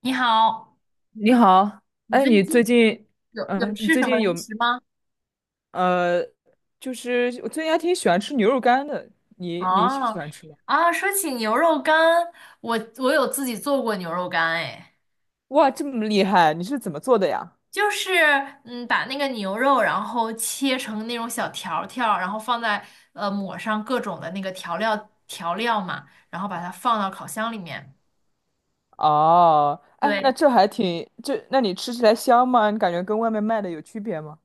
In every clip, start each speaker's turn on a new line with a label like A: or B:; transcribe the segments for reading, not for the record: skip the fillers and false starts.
A: 你好，
B: 你好，
A: 你
B: 哎，
A: 最
B: 你最
A: 近
B: 近，
A: 有
B: 你
A: 吃
B: 最
A: 什么
B: 近
A: 零
B: 有
A: 食吗？
B: 呃，就是我最近还挺喜欢吃牛肉干的，你喜
A: 哦，
B: 欢吃吗？
A: 啊，说起牛肉干，我有自己做过牛肉干，哎，
B: 哇，这么厉害，你是怎么做的呀？
A: 就是把那个牛肉然后切成那种小条儿然后放在抹上各种的那个调料嘛，然后把它放到烤箱里面。
B: 哦，哎，那
A: 对，
B: 这还挺，这那你吃起来香吗？你感觉跟外面卖的有区别吗？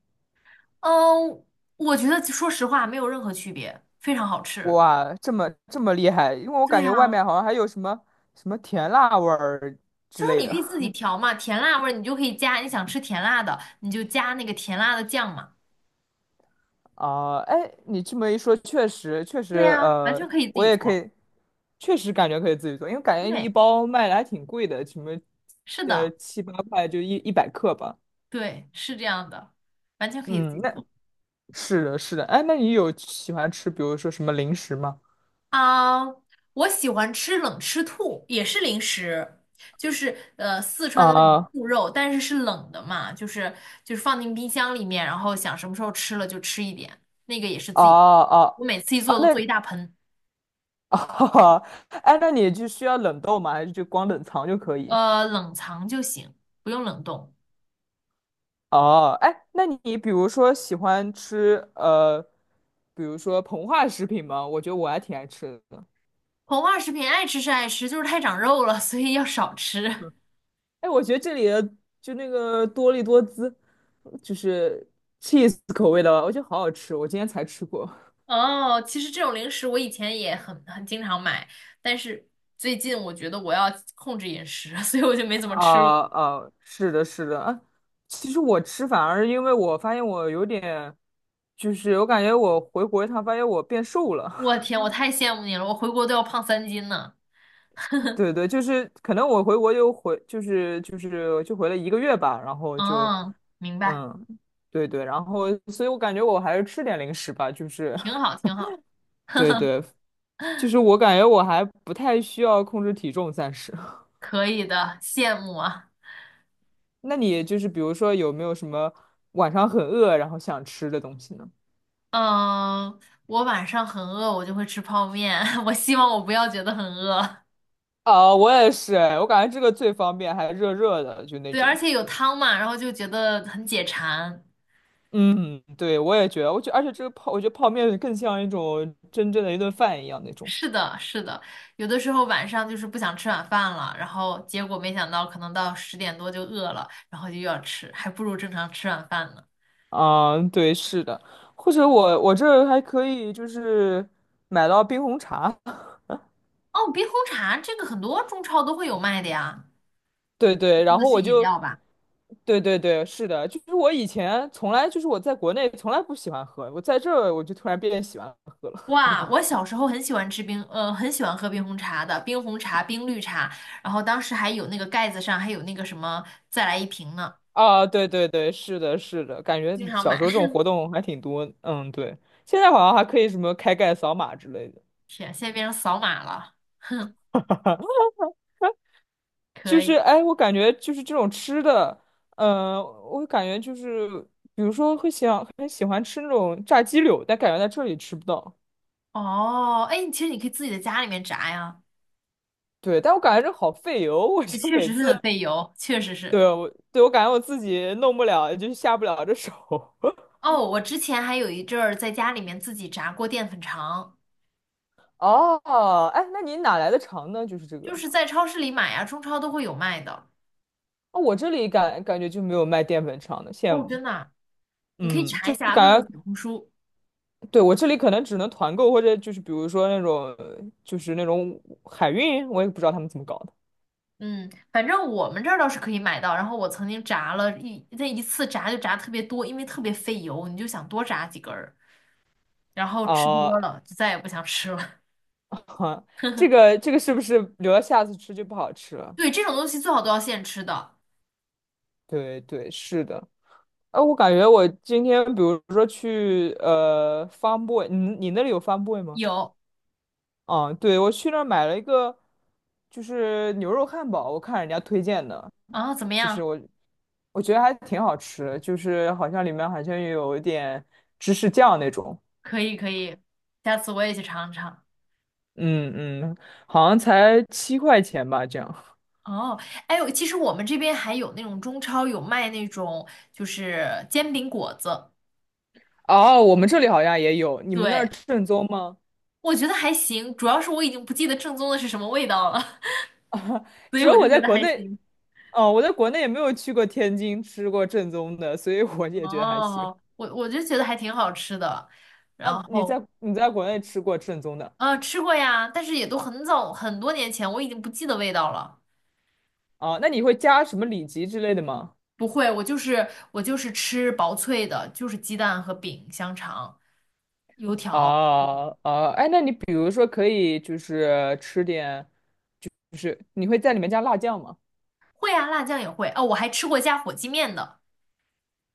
A: 嗯，我觉得说实话没有任何区别，非常好吃。
B: 哇，这么厉害，因为我
A: 对
B: 感觉外
A: 呀，
B: 面好像还有什么甜辣味儿之
A: 就是
B: 类
A: 你
B: 的。
A: 可以自己调嘛，甜辣味儿你就可以加，你想吃甜辣的，你就加那个甜辣的酱嘛。
B: 啊，哎，你这么一说，确实确实，
A: 对呀，完全可以自
B: 我
A: 己
B: 也可
A: 做。
B: 以，确实感觉可以自己做，因为感觉你一
A: 对，
B: 包卖的还挺贵的，什么，
A: 是的，
B: 七八块就一百克吧。
A: 对，是这样的，完全可以自
B: 嗯，
A: 己
B: 那
A: 做。
B: 是的，是的，哎，那你有喜欢吃，比如说什么零食吗？
A: 啊，我喜欢吃冷吃兔，也是零食，就是四川的那种
B: 啊
A: 兔肉，但是是冷的嘛，就是放进冰箱里面，然后想什么时候吃了就吃一点，那个也是
B: 啊
A: 自己，
B: 啊
A: 我每次一
B: 啊，
A: 做都做
B: 那
A: 一大盆，
B: 啊，哎，那你就需要冷冻吗？还是就光冷藏就可以？
A: 冷藏就行，不用冷冻。
B: 哦，哎，那你比如说喜欢吃比如说膨化食品吗？我觉得我还挺爱吃的。
A: 膨化食品爱吃是爱吃，就是太长肉了，所以要少吃。
B: 哎，我觉得这里的就那个多利多滋，就是 cheese 口味的，我觉得好好吃。我今天才吃过。
A: 哦，其实这种零食我以前也很经常买，但是最近我觉得我要控制饮食，所以我就没怎么吃了。
B: 啊啊，是的，是的。啊其实我吃反而因为我发现我有点，就是我感觉我回国一趟，发现我变瘦
A: 我
B: 了。
A: 天，我太羡慕你了，我回国都要胖3斤呢。
B: 对对，就是可能我回国就回，就是就回了1个月吧，然后就。
A: 嗯，明白，
B: 嗯，对对，然后，所以我感觉我还是吃点零食吧，就是
A: 挺好，挺好，
B: 对对，就是我感觉我还不太需要控制体重，暂时。
A: 可以的，羡慕啊。
B: 那你就是比如说有没有什么晚上很饿然后想吃的东西呢？
A: 嗯，我晚上很饿，我就会吃泡面。我希望我不要觉得很饿。
B: 啊，我也是哎，我感觉这个最方便，还热热的，就那
A: 对，而
B: 种。
A: 且有汤嘛，然后就觉得很解馋。
B: 嗯，对，我也觉得，我觉得泡面更像一种真正的一顿饭一样那种。
A: 是的，是的，有的时候晚上就是不想吃晚饭了，然后结果没想到可能到10点多就饿了，然后就又要吃，还不如正常吃晚饭呢。
B: 啊，对，是的，或者我这儿还可以就是买到冰红茶。
A: 哦，冰红茶这个很多中超都会有卖的呀，
B: 对对，
A: 那
B: 然
A: 个
B: 后
A: 是
B: 我
A: 饮
B: 就，
A: 料吧？
B: 对对对，是的，就是我以前从来就是我在国内从来不喜欢喝，我在这儿我就突然变喜欢了
A: 哇，我小时候很喜欢吃冰，很喜欢喝冰红茶的，冰红茶、冰绿茶，然后当时还有那个盖子上还有那个什么再来一瓶呢，
B: 啊，对对对，是的，是的，感觉
A: 经常
B: 小
A: 买。
B: 时候这种 活动还挺多，嗯，对，现在好像还可以什么开盖扫码之类的，
A: 天，现在变成扫码了，可
B: 就是
A: 以。
B: 哎，我感觉就是这种吃的，嗯、我感觉就是比如说会想很喜欢吃那种炸鸡柳，但感觉在这里吃不到，
A: 哦，哎，其实你可以自己在家里面炸呀。
B: 对，但我感觉这好费油，我
A: 这
B: 就
A: 确
B: 每
A: 实是
B: 次。
A: 很费油，确实
B: 对。
A: 是。
B: 对，我感觉我自己弄不了，就是下不了这手。
A: 哦，我之前还有一阵儿在家里面自己炸过淀粉肠，
B: 哦，哎，那你哪来的肠呢？就是这
A: 就
B: 个。
A: 是在超市里买呀，中超都会有卖的。
B: 哦，我这里感觉就没有卖淀粉肠的，羡
A: 哦，
B: 慕。
A: 真的啊，你可以
B: 嗯，
A: 查
B: 就
A: 一下，问问
B: 感觉，
A: 小红书。
B: 对，我这里可能只能团购，或者就是比如说那种，就是那种海运，我也不知道他们怎么搞的。
A: 嗯，反正我们这儿倒是可以买到。然后我曾经炸了一那一次炸就炸特别多，因为特别费油，你就想多炸几根儿，然后吃
B: 哦，
A: 多了就再也不想吃了。
B: 这个是不是留到下次吃就不好吃 了？
A: 对，这种东西最好都要现吃的。
B: 对对，是的。哎，我感觉我今天比如说去f a r Boy，你那里有 f a r Boy 吗？
A: 有
B: 啊，对，我去那儿买了一个，就是牛肉汉堡，我看人家推荐的，
A: 啊，怎么
B: 就是
A: 样？
B: 我觉得还挺好吃的，就是好像里面好像有一点芝士酱那种，
A: 可以可以，下次我也去尝尝。
B: 嗯嗯，好像才7块钱吧，这样。
A: 哦，哎呦，其实我们这边还有那种中超有卖那种就是煎饼果子，
B: 哦，我们这里好像也有，你们那儿
A: 对，
B: 正宗吗？
A: 我觉得还行，主要是我已经不记得正宗的是什么味道了，所以
B: 只
A: 我
B: 有
A: 就
B: 我在
A: 觉得
B: 国
A: 还
B: 内，
A: 行。
B: 哦，我在国内也没有去过天津吃过正宗的，所以我也觉得还行。
A: 哦，我就觉得还挺好吃的，
B: 啊，
A: 然
B: 你
A: 后
B: 在你在国内吃过正宗的？
A: 吃过呀，但是也都很早很多年前，我已经不记得味道了。
B: 啊？那你会加什么里脊之类的吗？
A: 不会，我就是吃薄脆的，就是鸡蛋和饼、香肠、油条。
B: 啊啊，哎，那你比如说可以就是吃点，就是你会在里面加辣酱吗？
A: 会啊，辣酱也会。哦，我还吃过加火鸡面的。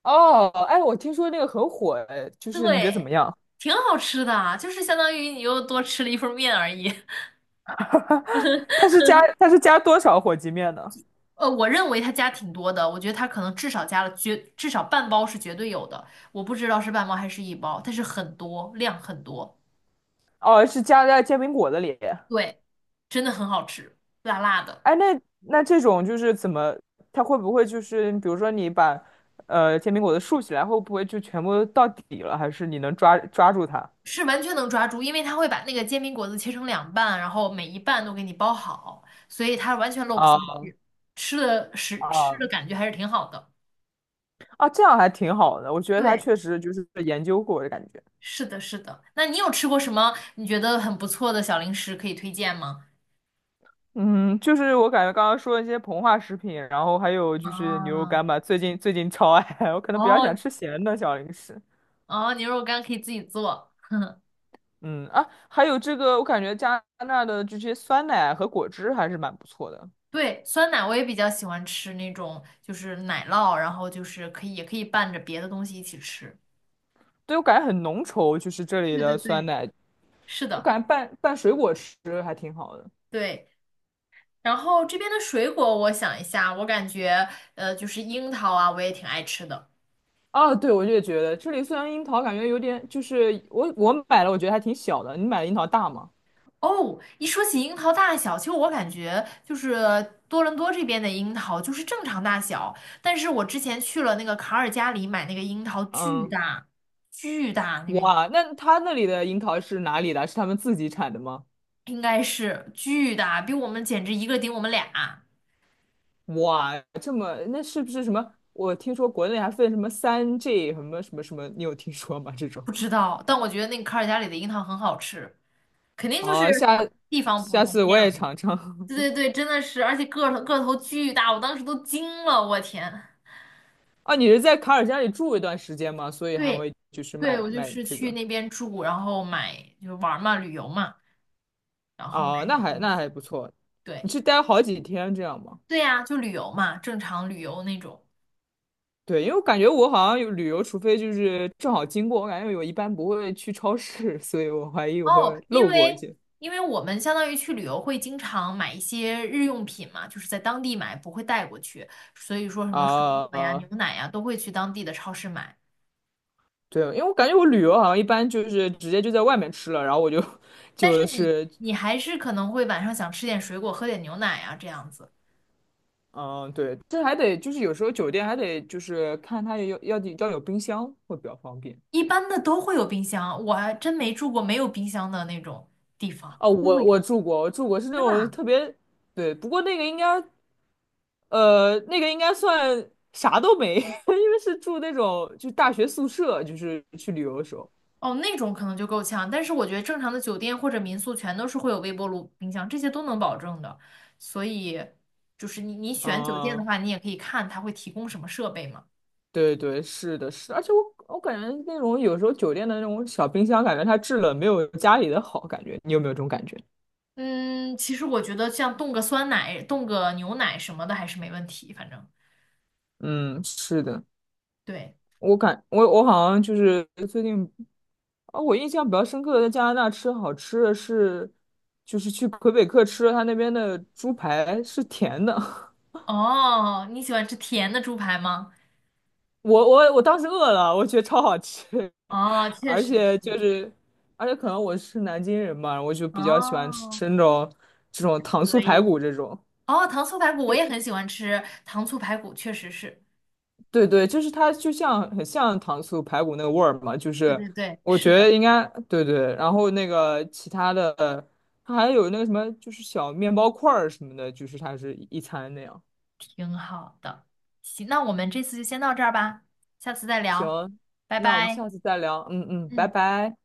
B: 哦，哎，我听说那个很火，哎，就是你觉得怎么
A: 对，
B: 样？
A: 挺好吃的啊就是相当于你又多吃了一份面而已。
B: 它是加多少火鸡面呢？
A: 呃，我认为他加挺多的，我觉得他可能至少加了绝，至少半包是绝对有的，我不知道是半包还是一包，但是很多，量很多，
B: 哦，是加在煎饼果子里。
A: 对，真的很好吃，辣辣的，
B: 哎，那这种就是怎么，它会不会就是比如说你把煎饼果子竖起来，会不会就全部到底了？还是你能抓住它？
A: 是完全能抓住，因为他会把那个煎饼果子切成两半，然后每一半都给你包好，所以它完全漏不进
B: 啊
A: 去，吃的是吃
B: 啊
A: 的感觉还是挺好的。
B: 啊，这样还挺好的，我觉得他
A: 对。
B: 确实就是研究过的感觉。
A: 是的，是的。那你有吃过什么你觉得很不错的小零食可以推荐吗？
B: 嗯，就是我感觉刚刚说的一些膨化食品，然后还有就是牛肉
A: 啊，
B: 干吧，最近超爱，我可能比较想
A: 哦
B: 吃咸的小零食。
A: 哦，牛肉干可以自己做。
B: 嗯啊，还有这个，我感觉加拿大的这些酸奶和果汁还是蛮不错的。
A: 对，酸奶我也比较喜欢吃那种，就是奶酪，然后就是可以也可以拌着别的东西一起吃。
B: 对，我感觉很浓稠，就是这里
A: 对对
B: 的酸
A: 对，
B: 奶，
A: 是
B: 我
A: 的，
B: 感觉拌拌水果吃还挺好的。
A: 对。然后这边的水果，我想一下，我感觉就是樱桃啊，我也挺爱吃的。
B: 啊，对，我也觉得这里虽然樱桃感觉有点，就是我买了，我觉得还挺小的。你买的樱桃大吗？
A: 哦，一说起樱桃大小，其实我感觉就是多伦多这边的樱桃就是正常大小，但是我之前去了那个卡尔加里买那个樱桃，巨
B: 嗯，
A: 大，巨大，那个
B: 哇，那他那里的樱桃是哪里的？是他们自己产的吗？
A: 应该是巨大，比我们简直一个顶我们俩，
B: 哇，这么那是不是什么？我听说国内还分什么3G 什么什么什么，你有听说吗？这种
A: 不知道，但我觉得那个卡尔加里的樱桃很好吃，肯定就是
B: 啊，
A: 地方不
B: 下
A: 同
B: 次
A: 这
B: 我
A: 样，
B: 也
A: 培养
B: 尝尝。
A: 对对 对，真的是，而且个头巨大，我当时都惊了，我天。
B: 啊，你是在卡尔加里住一段时间吗？所以还
A: 对，
B: 会就是
A: 对，
B: 卖
A: 我就
B: 卖
A: 是
B: 这
A: 去
B: 个
A: 那边住，然后买就是玩儿嘛，旅游嘛，然后
B: 哦，
A: 买
B: 那
A: 点
B: 还
A: 东
B: 那
A: 西。
B: 还不错。你
A: 对，
B: 是待好几天这样吗？
A: 对呀，就旅游嘛，正常旅游那种。
B: 对，因为我感觉我好像有旅游，除非就是正好经过，我感觉我一般不会去超市，所以我怀疑我会
A: 哦，因
B: 漏过一
A: 为
B: 些。
A: 因为我们相当于去旅游会经常买一些日用品嘛，就是在当地买，不会带过去，所以说什么水果呀、
B: 啊、
A: 牛奶呀都会去当地的超市买。
B: 对，因为我感觉我旅游好像一般就是直接就在外面吃了，然后我就
A: 但是
B: 就
A: 你
B: 是，
A: 你还是可能会晚上想吃点水果，喝点牛奶啊这样子，
B: 嗯，对，这还得就是有时候酒店还得就是看它有要有冰箱会比较方便。
A: 一般的都会有冰箱，我还真没住过没有冰箱的那种地方。
B: 哦，我住过是那
A: 真的
B: 种
A: 啊，
B: 特别，对，不过那个应该算啥都没，因为是住那种就大学宿舍，就是去旅游的时候。
A: 哦，那种可能就够呛，但是我觉得正常的酒店或者民宿全都是会有微波炉、冰箱，这些都能保证的。所以，就是你选酒店的
B: 嗯
A: 话，你也可以看它会提供什么设备嘛。
B: 对对，是的，是的而且我感觉那种有时候酒店的那种小冰箱，感觉它制冷没有家里的好，感觉你有没有这种感觉？
A: 嗯，其实我觉得像冻个酸奶、冻个牛奶什么的还是没问题，反正
B: 嗯，是的，
A: 对。
B: 我感我我好像就是最近啊，我印象比较深刻的在加拿大吃好吃的是，就是去魁北克吃了他那边的猪排是甜的，
A: 哦，你喜欢吃甜的猪排吗？
B: 我当时饿了，我觉得超好吃，
A: 哦，确
B: 而
A: 实
B: 且就
A: 是。
B: 是可能我是南京人嘛，我就比较喜欢
A: 哦，
B: 吃这种糖
A: 可
B: 醋排
A: 以。
B: 骨这种。
A: 哦，糖醋排骨我也很喜欢吃，糖醋排骨确实是。
B: 对对，就是它就像很像糖醋排骨那个味儿嘛，就
A: 对
B: 是
A: 对对，
B: 我
A: 是
B: 觉得
A: 的。
B: 应该对对，然后那个其他的，它还有那个什么，就是小面包块儿什么的，就是它是一餐那样。
A: 挺好的。行，那我们这次就先到这儿吧，下次再聊，
B: 嗯，
A: 拜
B: 那我们
A: 拜。
B: 下次再聊，嗯嗯，拜
A: 嗯。
B: 拜。